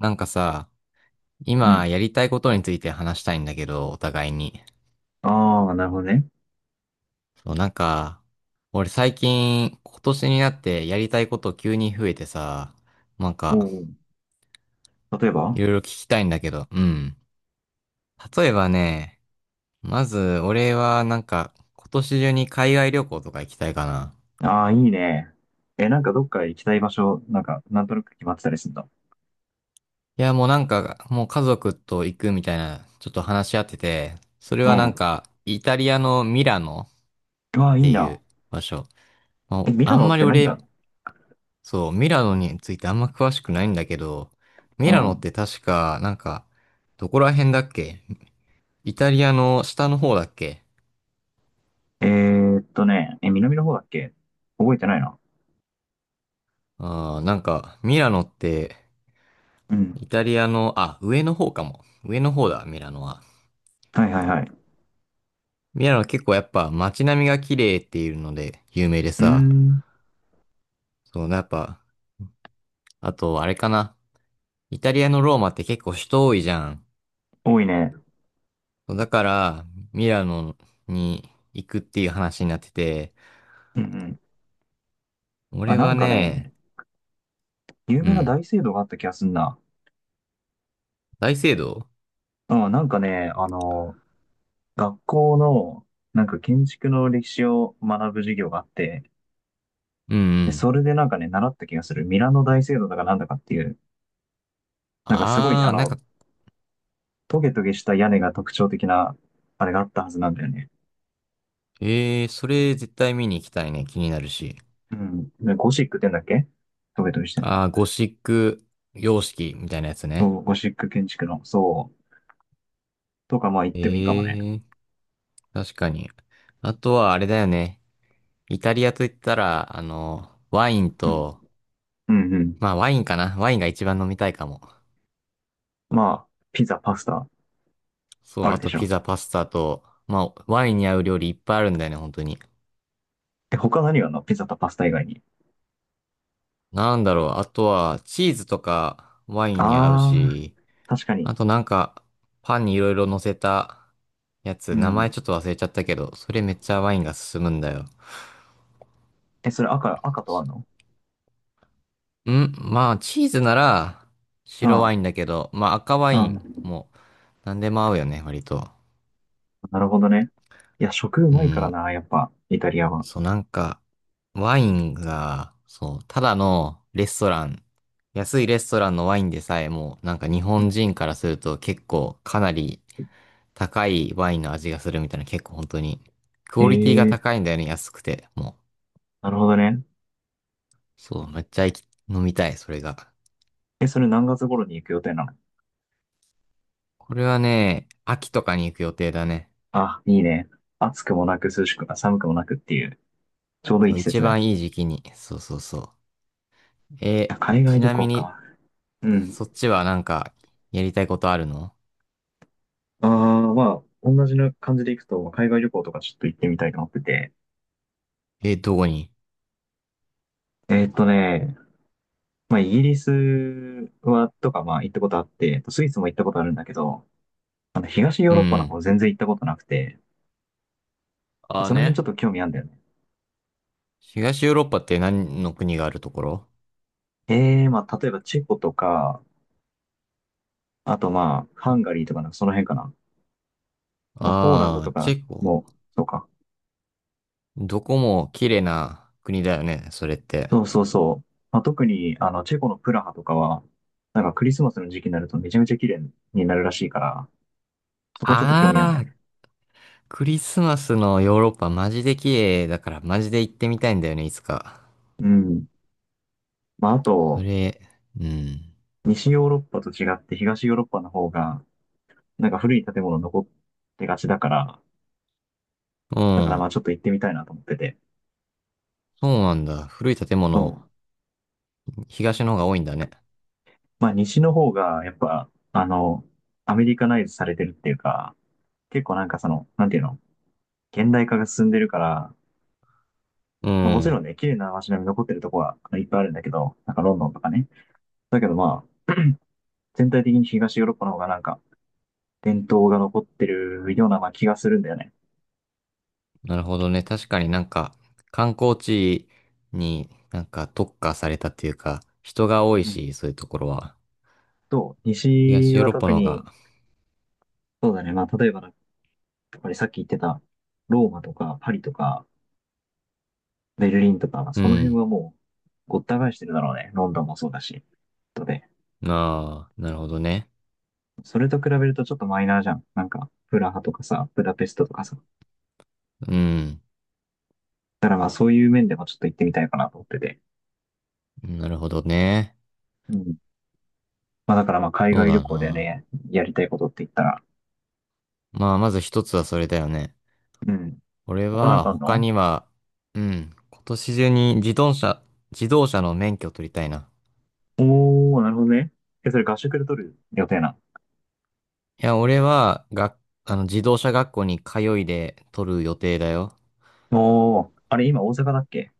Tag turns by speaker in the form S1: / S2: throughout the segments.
S1: なんかさ、
S2: う
S1: 今
S2: ん。
S1: やりたいことについて話したいんだけど、お互いに。
S2: ああ、なるほどね。
S1: そう、なんか、俺最近、今年になってやりたいこと急に増えてさ、なん
S2: お
S1: か、
S2: お。例え
S1: い
S2: ば。
S1: ろいろ聞きたいんだけど、うん。例えばね、まず、俺はなんか、今年中に海外旅行とか行きたいかな。
S2: ああー、いいね。え、なんかどっか行きたい場所、なんか、なんとなく決まってたりするんだ。
S1: いや、もうなんか、もう家族と行くみたいな、ちょっと話し合ってて、それ
S2: う
S1: はなん
S2: ん。
S1: か、イタリアのミラノっ
S2: うわあ、いい
S1: てい
S2: な。
S1: う場所。も
S2: え、
S1: う、
S2: ミラ
S1: あん
S2: ノっ
S1: まり
S2: て何があ
S1: 俺、
S2: るの？
S1: そう、ミラノについてあんま詳しくないんだけど、ミ
S2: う
S1: ラノっ
S2: ん。
S1: て確か、なんか、どこら辺だっけ？イタリアの下の方だっけ？
S2: え、南の方だっけ？覚えてないな。
S1: ああー、なんか、ミラノって、
S2: う
S1: イ
S2: ん。
S1: タリアの、あ、上の方かも。上の方だ、ミラノは。
S2: はいはいはい。
S1: ミラノは結構やっぱ街並みが綺麗っていうので有名で
S2: うー
S1: さ、
S2: ん。
S1: そう、やっぱ、あと、あれかな。イタリアのローマって結構人多いじゃん。
S2: 多いね。
S1: そうだから、ミラノに行くっていう話になってて、
S2: うんうん。あ、
S1: 俺
S2: な
S1: は
S2: んか
S1: ね。
S2: ね、有
S1: う
S2: 名な
S1: ん。
S2: 大聖堂があった気がすんな。
S1: 大聖堂。
S2: うん、なんかね、学校の、なんか建築の歴史を学ぶ授業があって、
S1: うんう
S2: で、そ
S1: ん。
S2: れでなんかね、習った気がする。ミラノ大聖堂だかなんだかっていう、なんかすごい、
S1: あー、なんか、
S2: トゲトゲした屋根が特徴的な、あれがあったはずなんだよね。
S1: それ絶対見に行きたいね。気になるし。
S2: うん。でゴシックって言うんだっけ？トゲトゲしてんだ。
S1: あー、ゴシック様式みたいなやつ
S2: そ
S1: ね。
S2: う、ゴシック建築の、そう、とかまあ言っ
S1: え
S2: てもいいかもね。
S1: ー、確かに。あとはあれだよね。イタリアと言ったら、ワイン
S2: うん。
S1: と、
S2: うんうん。
S1: まあワインかな。ワインが一番飲みたいかも。
S2: まあ、ピザ、パスタ、
S1: そう、
S2: ある
S1: あ
S2: で
S1: と
S2: し
S1: ピ
S2: ょ。
S1: ザ、パスタと、まあワインに合う料理いっぱいあるんだよね、本当に。
S2: え、他何があるの？ピザとパスタ以外に。
S1: なんだろう。あとは、チーズとかワインに合う
S2: あ
S1: し、
S2: ー、確かに。
S1: あとなんか、パンにいろいろ乗せたや
S2: う
S1: つ、名前
S2: ん。
S1: ちょっと忘れちゃったけど、それめっちゃワインが進むんだよ。
S2: え、それ赤とあんの？
S1: んまあ、チーズなら
S2: う
S1: 白ワイ
S2: ん。
S1: ンだけど、まあ赤ワ
S2: う
S1: イン
S2: ん。
S1: も何でも合うよね、割と。
S2: なるほどね。いや、食う
S1: う
S2: まいから
S1: ん。
S2: な、やっぱ、イタリアは。
S1: そう、なんか、ワインが、そう、ただのレストラン、安いレストランのワインでさえも、なんか日
S2: う
S1: 本
S2: ん。
S1: 人からすると結構かなり高いワインの味がするみたいな、結構本当に、ク
S2: え
S1: オリティが高
S2: え。
S1: いんだよね、安くて、もう。
S2: なるほどね。
S1: そう、めっちゃ行き飲みたい、それが。
S2: え、それ何月頃に行く予定なの？
S1: これはね、秋とかに行く予定だね。
S2: あ、いいね。暑くもなく涼しく、あ、寒くもなくっていう、ちょうどいい
S1: そう、
S2: 季
S1: 一
S2: 節だよ。
S1: 番いい時期に。そうそうそう。
S2: あ、
S1: え、
S2: 海外
S1: ち
S2: 旅
S1: なみ
S2: 行
S1: に、
S2: か。うん。
S1: そっちはなんか、やりたいことあるの？
S2: ああ、まあ、同じな感じで行くと、海外旅行とかちょっと行ってみたいと思ってて。
S1: え、どこに？
S2: えーっとね、まあ、イギリスは、とか、まあ、行ったことあって、スイスも行ったことあるんだけど、東ヨー
S1: うんう
S2: ロッパの方
S1: ん。
S2: 全然行ったことなくて、
S1: ああ
S2: その辺ちょ
S1: ね。
S2: っと興味あるんだよね。
S1: 東ヨーロッパって何の国があるところ？
S2: ええ。まあ、例えばチェコとか、あとまあ、ハンガリーとかなんかその辺かな。まあ、ポーランド
S1: ああ
S2: と
S1: ー、チ
S2: か
S1: ェコ。
S2: も、そうか。
S1: どこも綺麗な国だよね、それって。
S2: そうそうそう。まあ、特に、チェコのプラハとかは、なんかクリスマスの時期になるとめちゃめちゃ綺麗になるらしいから、そこちょっと興味あるんだ
S1: あ
S2: よ
S1: あ、
S2: ね。
S1: クリスマスのヨーロッパマジで綺麗だからマジで行ってみたいんだよね、いつか。
S2: うん。まあ、あ
S1: そ
S2: と、
S1: れ、うん。
S2: 西ヨーロッパと違って東ヨーロッパの方が、なんか古い建物残ってがちだから、
S1: う
S2: だからま
S1: ん。
S2: あちょっと行ってみたいなと思ってて。
S1: そうなんだ。古い建
S2: そ
S1: 物、
S2: う。
S1: 東の方が多いんだね。
S2: まあ西の方が、やっぱ、アメリカナイズされてるっていうか、結構なんかその、なんていうの？現代化が進んでるから、
S1: う
S2: まあもちろ
S1: ん。
S2: んね、綺麗な街並み残ってるとこはいっぱいあるんだけど、なんかロンドンとかね。だけどまあ、全体的に東ヨーロッパの方がなんか伝統が残ってるようなまあ気がするんだよね。
S1: なるほどね。確かになんか、観光地になんか特化されたっていうか、人が多い
S2: うん。
S1: し、そういうところは。
S2: と、西
S1: 東ヨー
S2: は
S1: ロッパ
S2: 特
S1: の方
S2: に、
S1: が、
S2: そうだね、まあ例えばだ、やっぱりさっき言ってたローマとかパリとかベルリンとか、
S1: う
S2: その辺
S1: ん。
S2: はもうごった返してるだろうね。ロンドンもそうだし。とで、
S1: ああ、なるほどね。
S2: それと比べるとちょっとマイナーじゃん。なんか、プラハとかさ、ブダペストとかさ。
S1: うん。
S2: だからまあそういう面でもちょっと行ってみたいかなと思ってて。
S1: なるほどね。
S2: うん。まあだからまあ海
S1: そう
S2: 外旅
S1: だ
S2: 行で
S1: な。
S2: ね、やりたいことって言ったら、
S1: まあ、まず一つはそれだよね。
S2: うん。
S1: 俺
S2: 他なん
S1: は
S2: かあん
S1: 他
S2: の？
S1: には、うん。今年中に自動車の免許を取りたいな。
S2: おー、なるほどね。え、それ合宿で取る予定な。
S1: いや、俺は、が、あの、自動車学校に通いで取る予定だよ。
S2: おー、あれ今大阪だっけ？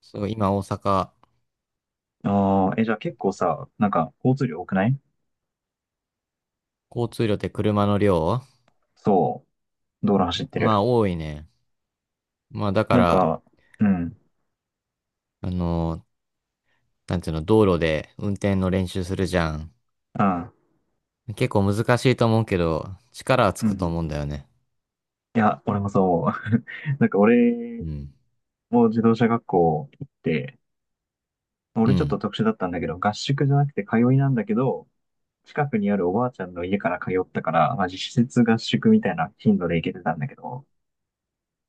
S1: そう、今大阪、
S2: あー、え、じゃあ結構さ、なんか交通量多くない？
S1: 交通量って車の量？
S2: そう、道路走って
S1: ま
S2: る。
S1: あ、多いね。まあ、だか
S2: なん
S1: ら、
S2: か、うん、
S1: あの、なんていうの、道路で運転の練習するじゃん。
S2: あ
S1: 結構難しいと思うけど、力はつ
S2: ー、う
S1: くと
S2: ん。
S1: 思うんだよね。
S2: いや、俺もそう。なんか
S1: う
S2: 俺
S1: ん。
S2: も自動車学校行って、
S1: う
S2: 俺ちょっと
S1: ん。
S2: 特殊だったんだけど、合宿じゃなくて通いなんだけど、近くにあるおばあちゃんの家から通ったから、まあ、実質合宿みたいな頻度で行けてたんだけど、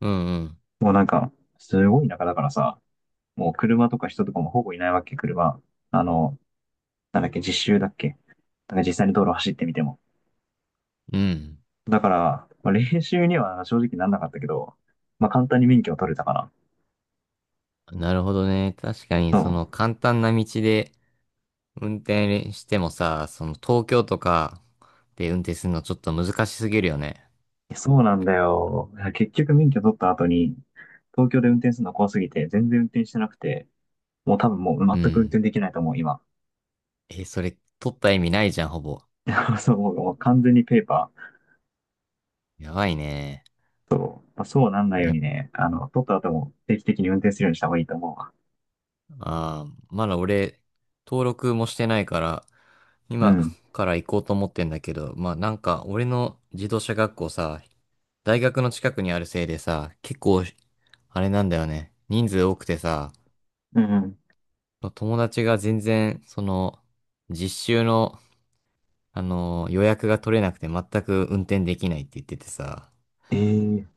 S1: うんうん。
S2: もうなんか、すごい田舎だからさ、もう車とか人とかもほぼいないわけ、車。あの、なんだっけ、実習だっけ。なんか実際に道路走ってみても。
S1: うん。
S2: だから、まあ、練習には正直なんなかったけど、まあ、簡単に免許を取れたかな。
S1: なるほどね。確かに、
S2: そ
S1: その、簡単な道で運転してもさ、その、東京とかで運転するのちょっと難しすぎるよね。
S2: う。そうなんだよ。いや結局免許取った後に、東京で運転するの怖すぎて、全然運転してなくて、もう多分もう
S1: う
S2: 全く運
S1: ん。
S2: 転できないと思う、今。
S1: え、それ、取った意味ないじゃん、ほぼ。
S2: そう、もう完全にペーパー。
S1: やばいね。
S2: まあ、そうなんないよう
S1: やっ
S2: に
S1: ぱ、
S2: ね、取った後も定期的に運転するようにした方がいいと思うわ。
S1: あーまだ俺、登録もしてないから、
S2: う
S1: 今
S2: ん。
S1: から行こうと思ってんだけど、まあなんか、俺の自動車学校さ、大学の近くにあるせいでさ、結構、あれなんだよね。人数多くてさ、
S2: うんうん。
S1: 友達が全然、その、実習の、予約が取れなくて全く運転できないって言っててさ、
S2: ええー、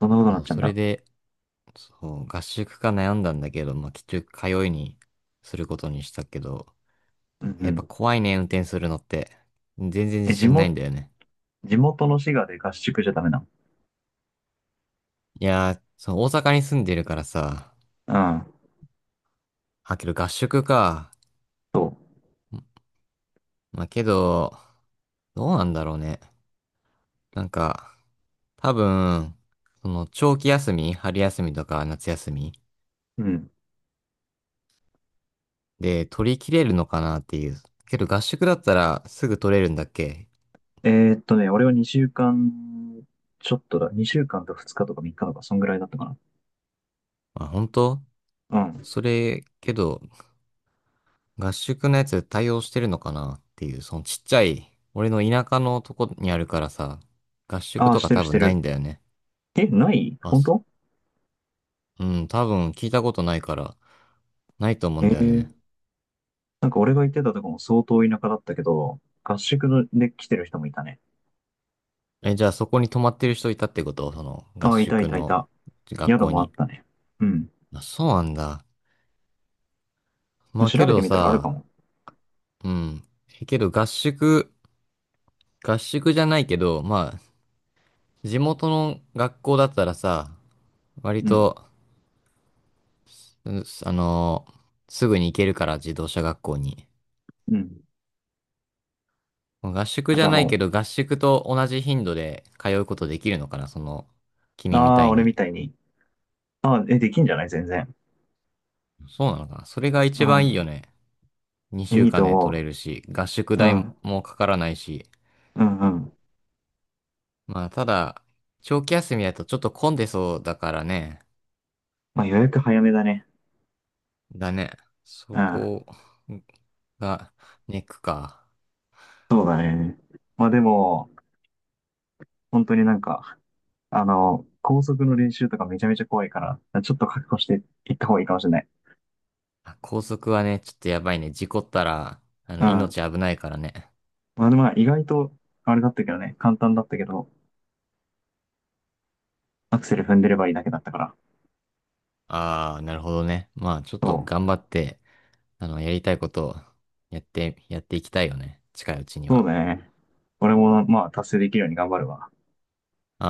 S2: そんなことにな
S1: そ
S2: っ
S1: う、
S2: ちゃうん
S1: それ
S2: だ。
S1: で、そう、合宿か悩んだんだけど、まあ、結局通いにすることにしたけど、
S2: うんう
S1: やっぱ
S2: ん。
S1: 怖いね、運転するのって。全然
S2: え、
S1: 自
S2: 地
S1: 信ないん
S2: 元、
S1: だよね。
S2: 地元の滋賀で合宿じゃダメなの？
S1: いやー、そう、大阪に住んでるからさ、
S2: うん。
S1: あ、けど合宿か。
S2: そ
S1: まあ、けど、どうなんだろうね。なんか、多分、その、長期休み、春休みとか夏休み
S2: う。うん。
S1: で取り切れるのかなっていう。けど合宿だったらすぐ取れるんだっけ？
S2: 俺は2週間、ちょっとだ、2週間と2日とか3日とか、そんぐらいだったかな。
S1: まあ、本当
S2: うん。
S1: それ、けど、合宿のやつ対応してるのかなっていう、そのちっちゃい、俺の田舎のとこにあるからさ、合宿
S2: ああ、
S1: と
S2: し
S1: か
S2: てる
S1: 多
S2: して
S1: 分ない
S2: る。
S1: んだよね。
S2: え、ない？
S1: あ、
S2: 本
S1: す
S2: 当？
S1: うん、多分聞いたことないから、ないと思う
S2: え
S1: ん
S2: え
S1: だよね。
S2: ー、なんか俺が行ってたとこも相当田舎だったけど、合宿ので来てる人もいたね。
S1: え、じゃあそこに泊まってる人いたってことその合
S2: ああ、いたい
S1: 宿
S2: たい
S1: の
S2: た。
S1: 学
S2: 宿
S1: 校
S2: もあっ
S1: に？
S2: たね。うん。
S1: まあ、そうなんだ。まあ
S2: 調
S1: け
S2: べて
S1: ど
S2: みたらあるか
S1: さ、
S2: も。
S1: うん。けど合宿じゃないけど、まあ、地元の学校だったらさ、割
S2: うん。
S1: と、うあのすぐに行けるから自動車学校に。
S2: うん。
S1: 合宿じ
S2: じゃ
S1: ゃ
S2: あ
S1: ないけ
S2: も
S1: ど、合宿と同じ頻度で通うことできるのかな、その、
S2: う、
S1: 君み
S2: あ
S1: た
S2: あ、
S1: い
S2: 俺
S1: に。
S2: みたいに。ああ、え、できんじゃない、全然。
S1: そうなのかな。それが
S2: う
S1: 一番いいよ
S2: ん。
S1: ね。2
S2: え、
S1: 週
S2: いい
S1: 間
S2: と
S1: で取れ
S2: 思
S1: るし、合宿
S2: う。う
S1: 代
S2: ん。
S1: もかからないし。
S2: うんうん。
S1: まあ、ただ、長期休みだとちょっと混んでそうだからね。
S2: まあ予約早めだね。
S1: だね。
S2: う
S1: そ
S2: ん。
S1: こが、ネックか。
S2: そうだね。まあでも、本当になんか、高速の練習とかめちゃめちゃ怖いから、ちょっと覚悟していった方がいいかもしれない。
S1: あ高速はね、ちょっとやばいね。事故ったら、
S2: うん。
S1: 命危ないからね。
S2: まあでもまあ意外と、あれだったけどね、簡単だったけど、アクセル踏んでればいいだけだったから。
S1: ああ、なるほどね。まあ、ちょっと
S2: そ
S1: 頑
S2: う。
S1: 張って、やりたいことをやっていきたいよね。近いうちに
S2: そう
S1: は。
S2: だね。俺も、まあ達成できるように頑張るわ。
S1: あ